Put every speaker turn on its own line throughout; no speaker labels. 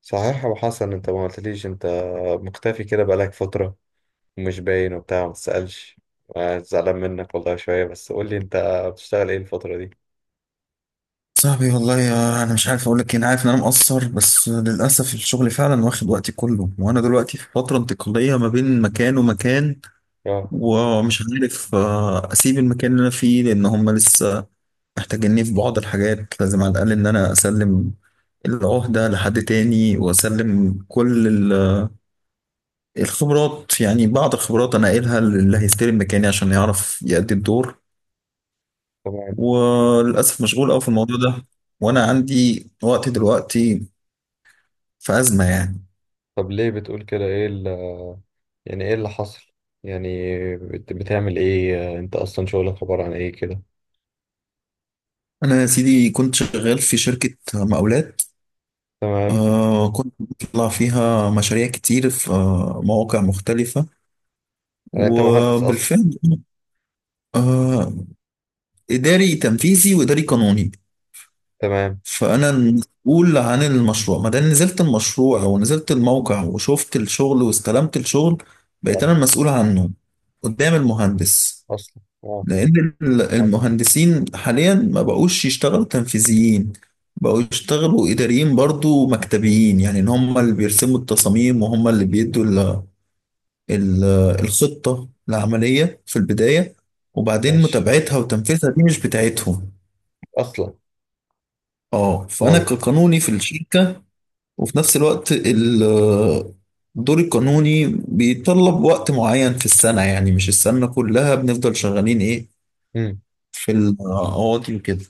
صحيح يا ابو حسن، انت ما قلتليش. انت مختفي كده بقالك فترة ومش باين وبتاع ما تسألش. زعلان منك والله شوية، بس قول لي انت بتشتغل ايه الفترة دي؟
صاحبي، والله، يا انا مش عارف اقول لك إيه. انا عارف ان انا مقصر، بس للاسف الشغل فعلا واخد وقتي كله، وانا دلوقتي في فتره انتقاليه ما بين مكان ومكان،
اه،
ومش عارف اسيب المكان اللي انا فيه لان هم لسه محتاجيني في بعض الحاجات. لازم على الاقل ان انا اسلم العهده لحد تاني، واسلم كل الخبرات، يعني بعض الخبرات انا قايلها للي هيستلم مكاني عشان يعرف يأدي الدور.
تمام.
وللاسف مشغول قوي في الموضوع ده، وانا عندي وقت دلوقتي في أزمة يعني.
طب ليه بتقول كده؟ ايه يعني ايه اللي حصل يعني؟ بتعمل ايه انت اصلا؟ شغلك عبارة عن ايه كده؟
أنا يا سيدي كنت شغال في شركة مقاولات.
تمام.
كنت بطلع فيها مشاريع كتير في مواقع مختلفة.
يعني انت مهندس اصلا؟
وبالفعل آه إداري تنفيذي وإداري قانوني.
تمام.
فأنا المسؤول عن المشروع ما دام نزلت المشروع ونزلت الموقع وشفت الشغل واستلمت الشغل، بقيت
اه،
أنا المسؤول عنه قدام المهندس.
اصلا اه.
لأن المهندسين حاليا ما بقوش يشتغلوا تنفيذيين، بقوا يشتغلوا إداريين برضو مكتبيين، يعني إن هم اللي بيرسموا التصاميم، وهم اللي بيدوا ال- الخطة العملية في البداية، وبعدين
ماشي،
متابعتها وتنفيذها دي مش بتاعتهم.
اصلا.
اه، فأنا كقانوني في الشركة، وفي نفس الوقت الدور القانوني بيتطلب وقت معين في السنة، يعني مش السنة كلها بنفضل شغالين ايه،
امم
في القواضي وكده.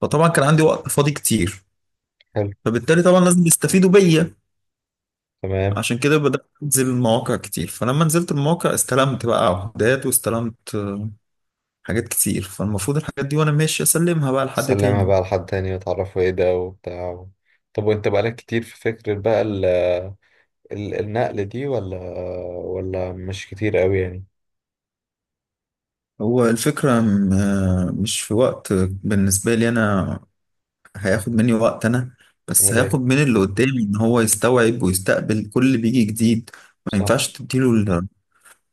فطبعا كان عندي وقت فاضي كتير،
حلو.
فبالتالي طبعا لازم يستفيدوا بيا.
تمام.
عشان كده بدأت أنزل مواقع كتير، فلما نزلت المواقع استلمت بقى عقودات، واستلمت حاجات كتير. فالمفروض الحاجات دي وأنا ماشي أسلمها بقى لحد
سلمها
تاني.
بقى لحد تاني وتعرفوا ايه ده وبتاع طب وانت بقالك كتير في فكرة بقى النقل دي، ولا ولا مش كتير قوي يعني؟
هو الفكرة مش في وقت بالنسبة لي أنا، هياخد مني وقت أنا، بس
امال ايه.
هياخد من اللي قدامي إن هو يستوعب ويستقبل كل اللي بيجي جديد. ما
صح.
ينفعش تديله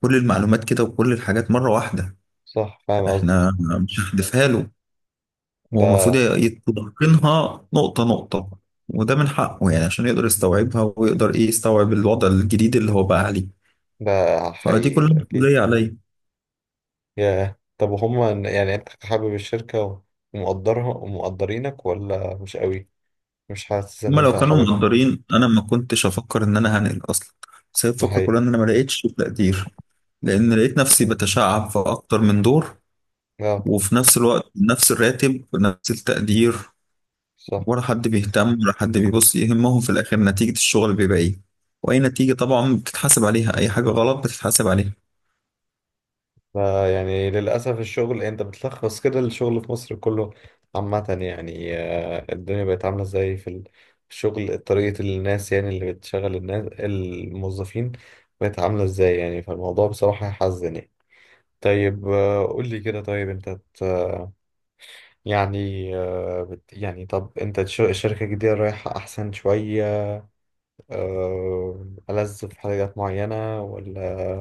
كل المعلومات كده وكل الحاجات مرة واحدة،
صح، فاهم قصدي.
احنا مش هندفها له. هو المفروض
ده
يتقنها نقطة نقطة، وده من حقه يعني عشان يقدر يستوعبها ويقدر ايه يستوعب الوضع الجديد اللي هو بقى عليه.
ده
فدي
حقيقي،
كلها
ده اكيد.
مسؤولية عليا.
يا طب، وهم يعني انت حابب الشركة ومقدرها ومقدرينك، ولا مش قوي؟ مش حاسس ان
هما
انت
لو كانوا
حاببها.
مقدرين انا ما كنتش افكر ان انا هنقل اصلا، بس هي
ده
الفكرة
حقيقي.
كلها ان انا ما لقيتش تقدير، لان لقيت نفسي
مم.
بتشعب في اكتر من دور،
اه،
وفي نفس الوقت نفس الراتب ونفس التقدير،
صح.
ولا حد بيهتم، ولا حد بيبص. يهمهم في الاخر نتيجة الشغل بيبقى ايه، واي نتيجة طبعا بتتحاسب عليها، اي حاجة غلط بتتحاسب عليها.
فيعني للأسف الشغل، يعني أنت بتلخص كده الشغل في مصر كله عامة يعني. الدنيا بقت عاملة ازاي في الشغل، طريقة الناس يعني اللي بتشغل الناس الموظفين بقت عاملة ازاي يعني؟ فالموضوع بصراحة يحزن يعني. طيب، قول لي كده. طيب أنت يعني، آه، بت يعني، طب أنت الشركة الجديدة رايحة أحسن شوية، ألذ في حاجات معينة، ولا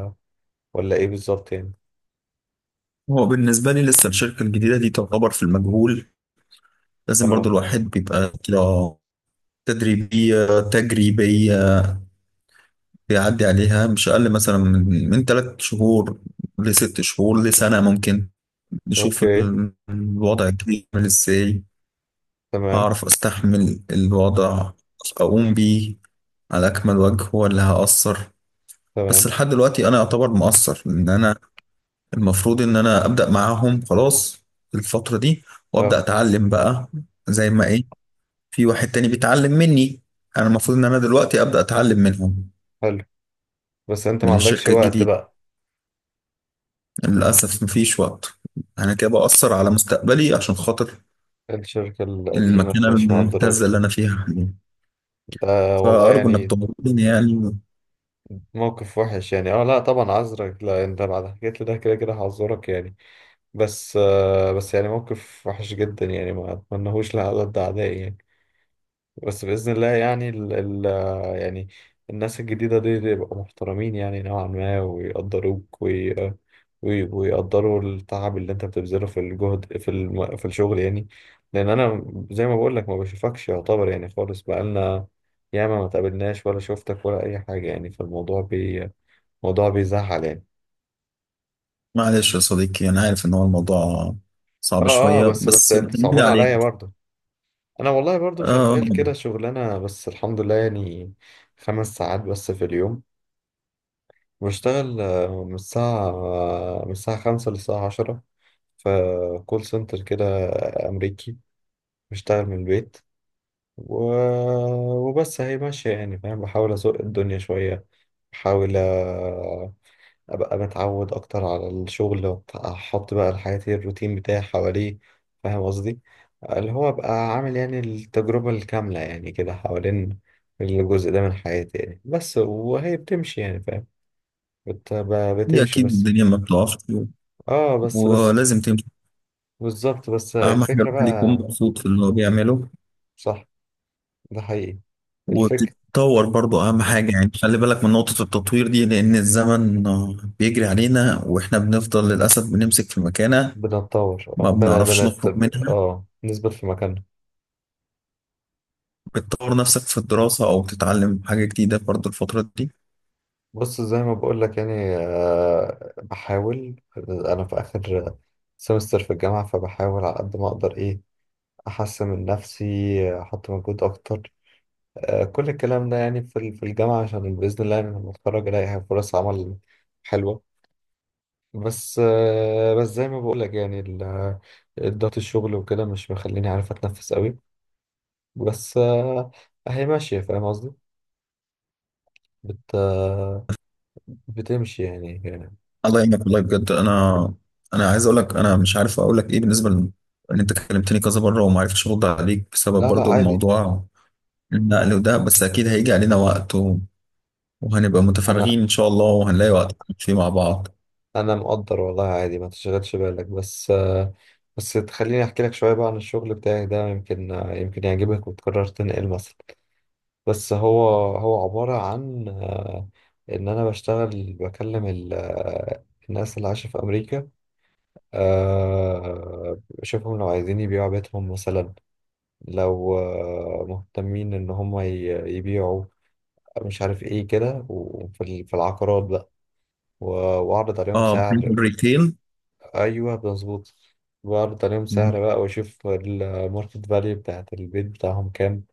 ولا إيه بالظبط يعني؟
هو بالنسبة لي لسه الشركة الجديدة دي تعتبر في المجهول. لازم برضو
اه،
الواحد بيبقى كده تدريبية تجريبية، بيعدي عليها مش أقل مثلا من 3 شهور لست شهور لسنة ممكن، نشوف
أوكي.
الوضع الجديد عامل ازاي.
تمام.
هعرف استحمل الوضع اقوم بيه على اكمل وجه ولا هأثر. بس
تمام.
لحد دلوقتي انا اعتبر مقصر، ان انا المفروض ان انا ابدا معاهم خلاص في الفتره دي، وابدا
اه،
اتعلم بقى، زي ما ايه، في واحد تاني بيتعلم مني، انا المفروض ان انا دلوقتي ابدا اتعلم منهم
حلو. بس انت ما
من
عندكش
الشركه
وقت
الجديده.
بقى؟
للاسف مفيش وقت، انا كده باثر على مستقبلي عشان خاطر
الشركة القديمة
المكانه
اللي مش
الممتازه
مقدراك.
اللي انا فيها حاليا.
ده والله
فارجو انك
يعني
تطمني يعني.
موقف وحش يعني. اه، لا طبعا عذرك، لا انت بعد حكيت لي ده كده كده هعذرك يعني. بس آه، بس يعني موقف وحش جدا يعني، ما اتمنهوش لأعداد أعدائي يعني. بس بإذن الله يعني ال ال يعني الناس الجديدة دي دي يبقوا محترمين يعني نوعا ما ويقدروك ويقدروا التعب اللي انت بتبذله في الجهد في الشغل يعني. لأن أنا زي ما بقول لك، ما بشوفكش يعتبر يعني خالص. بقالنا ياما ما تقابلناش ولا شفتك ولا أي حاجة يعني. فالموضوع بي موضوع بيزعل يعني.
معلش يا صديقي، انا عارف ان هو الموضوع صعب
اه اه،
شويه،
بس بس
بس
انت
بتمني
صعبان عليا
عليك
برضه. أنا والله برضه
آه
شغال كده شغلانة، بس الحمد لله يعني. خمس ساعات بس في اليوم بشتغل. من الساعة من الساعة خمسة للساعة عشرة، في كول سنتر كده أمريكي. بشتغل من البيت و... وبس هي ماشية يعني فاهم؟ بحاول أسوق الدنيا شوية. بحاول أبقى متعود أكتر على الشغل، وأحط بقى حياتي الروتين بتاعي حواليه. فاهم قصدي؟ اللي هو أبقى عامل يعني التجربة الكاملة يعني كده حوالين الجزء ده من حياتي يعني، بس وهي بتمشي يعني فاهم.
هي
بتمشي
اكيد
بس.
الدنيا ما بتقفش
اه، بس بس
ولازم.
بالظبط. بس
اهم حاجه
الفكرة
الواحد يكون
بقى.
مبسوط في اللي هو بيعمله،
صح، ده حقيقي. الفكرة
وبتتطور برضه اهم حاجه يعني، خلي بالك من نقطه التطوير دي، لان الزمن بيجري علينا، واحنا بنفضل للاسف بنمسك في مكانه
بنتطور اه
ما
بن
بنعرفش
بنت
نخرج منها.
اه نثبت في مكاننا.
بتطور نفسك في الدراسه او بتتعلم حاجه جديده برضه الفتره دي.
بص، زي ما بقول لك يعني، بحاول انا في اخر سمستر في الجامعة، فبحاول على قد ما اقدر ايه احسن من نفسي، احط مجهود اكتر. كل الكلام ده يعني في الجامعة، عشان بإذن الله يعني لما اتخرج الاقي فرص عمل حلوة. بس بس زي ما بقول لك يعني الضغط الشغل وكده مش مخليني عارف اتنفس قوي. بس اهي ماشيه، فاهم قصدي؟ بت آه، بتمشي يعني.
الله يعينك، والله بجد انا، انا عايز اقول لك، انا مش عارف اقول لك ايه بالنسبه ان انت كلمتني كذا مره وما عرفتش ارد عليك بسبب
لا لا
برضه
عادي.
الموضوع، النقل وده. بس اكيد هيجي علينا وقت وهنبقى
انا
متفرغين إن شاء الله، وهنلاقي وقت فيه مع بعض.
انا مقدر والله، عادي ما تشغلش بالك. بس بس تخليني احكي لك شويه بقى عن الشغل بتاعي ده. يمكن يمكن يعجبك وتقرر تنقل مثلا. بس هو هو عباره عن ان انا بشتغل بكلم الناس اللي عايشه في امريكا. شوفهم لو عايزين يبيعوا بيتهم مثلا. لو مهتمين ان هم يبيعوا، مش عارف ايه كده، وفي في العقارات بقى، و- واعرض عليهم
اه،
سعر.
برينتال ريتيل.
ايوه مظبوط. واعرض عليهم سعر بقى، واشوف الماركت فاليو بتاعت البيت بتاعهم كام.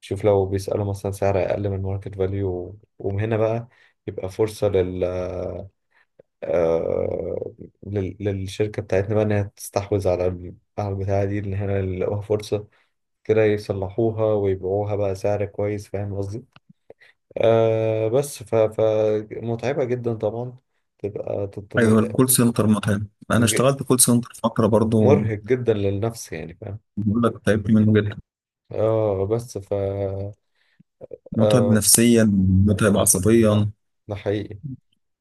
شوف لو بيسألوا مثلا سعر اقل من الماركت فاليو، ومن هنا بقى يبقى فرصة آه، للشركة بتاعتنا بقى، إنها تستحوذ على على البتاعة دي، إن هنا يلاقوها فرصة كده، يصلحوها ويبيعوها بقى سعر كويس. فاهم قصدي؟ آه بس ف... ف متعبة جدا طبعا. تبقى
أيوة
تطم-
الكول سنتر متعب، أنا اشتغلت كول سنتر فترة برضو،
مرهق جدا للنفس يعني فاهم؟
بقول لك تعبت منه جدا.
اه بس ف
متعب
آه
نفسيا، متعب عصبيا.
ده حقيقي،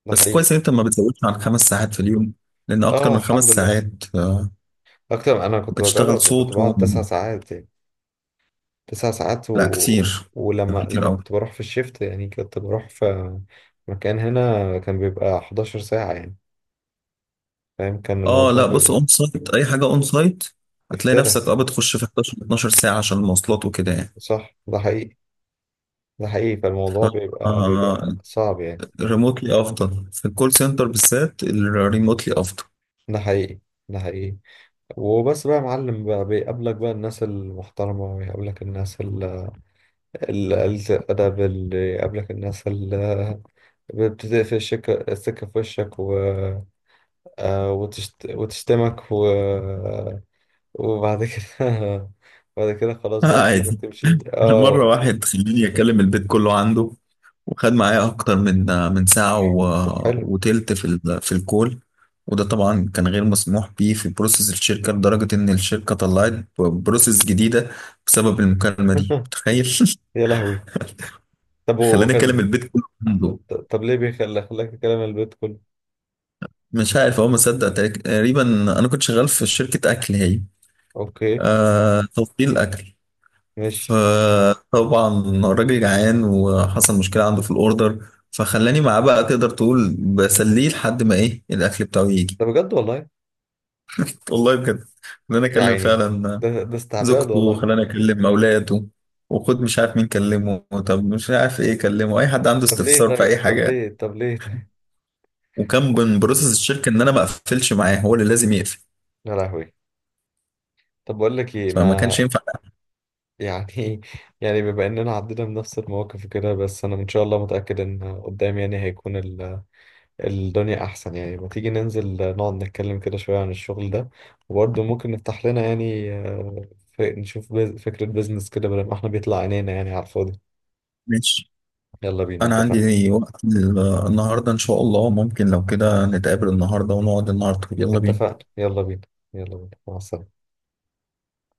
ده
بس كويس
حقيقي.
إن أنت ما بتزودش عن 5 ساعات في اليوم، لأن أكتر
اه،
من خمس
الحمد لله.
ساعات
أكتر. أنا كنت
بتشتغل
بجرب
صوت
وكنت بقعد تسع ساعات يعني. تسع ساعات
لا، كتير،
ولما
كتير
لما
أوي.
كنت بروح في الشيفت يعني، كنت بروح في مكان هنا كان بيبقى 11 ساعة يعني. فاهم؟ كان
اه،
الموضوع
لا، بص،
بيبقى
اون سايت اي حاجه اون سايت هتلاقي
افترا.
نفسك بتخش في 11 12 ساعه عشان المواصلات وكده يعني.
صح، ده حقيقي. ده حقيقي.
ف
فالموضوع بيبقى بيبقى
آه
صعب يعني.
ريموتلي افضل في الكول سنتر، بالذات الريموتلي افضل.
ده حقيقي. ده حقيقي. وبس بقى يا معلم، بقى بيقابلك بقى الناس المحترمة ويقابلك الناس قلة الأدب اللي يقابلك، الناس اللي بتدق السكة في وشك وتشتمك وبعد كده بعد كده خلاص بقى تسيبك
عادي.
تمشي
انا مره
اه.
واحد خليني اكلم البيت كله عنده، وخد معايا اكتر من ساعه و...
طب حلو.
وتلت في الكول. وده طبعا كان غير مسموح بيه في بروسيس الشركه، لدرجه ان الشركه طلعت بروسيس جديده بسبب المكالمه دي، متخيل؟
يا لهوي. طب
خلاني اكلم
وكان،
البيت كله عنده.
طب ليه بيخلي خلاك تكلم البيت كله؟
مش عارف هو مصدق تقريبا. انا كنت شغال في شركه اكل، هي
اوكي.
توصيل اكل،
ماشي.
فطبعا الراجل جعان وحصل مشكلة عنده في الأوردر، فخلاني معاه بقى، تقدر تقول بسليه لحد ما إيه الأكل بتاعه يجي.
ده بجد والله.
والله بجد، خلاني
يا
أكلم
عيني.
فعلا
ده ده استعباد
زوجته،
والله.
وخلاني أكلم أولاده، وخد مش عارف مين كلمه، طب مش عارف إيه كلمه، أي حد عنده
طب ليه؟
استفسار في
طيب،
أي
طب
حاجة يعني.
ليه، طب ليه طيب.
وكان من بروسس الشركة إن أنا ما أقفلش معاه، هو اللي لازم يقفل،
يا لهوي. طب بقول لك ايه،
فما
ما
كانش ينفع.
يعني يعني بما اننا عدينا بنفس المواقف كده. بس انا ان شاء الله متأكد ان قدام يعني هيكون الدنيا أحسن يعني. ما تيجي ننزل نقعد نتكلم كده شوية عن الشغل ده، وبرضه ممكن نفتح لنا يعني نشوف فكرة بيزنس كده، بدل ما احنا بيطلع عينينا يعني على الفاضي.
ماشي،
يلا بينا،
أنا
اتفقنا.
عندي وقت النهاردة إن شاء الله. ممكن لو كده نتقابل النهاردة ونقعد النهاردة، يلا بينا.
اتفقنا، يلا بينا. يلا بينا، مع السلامة.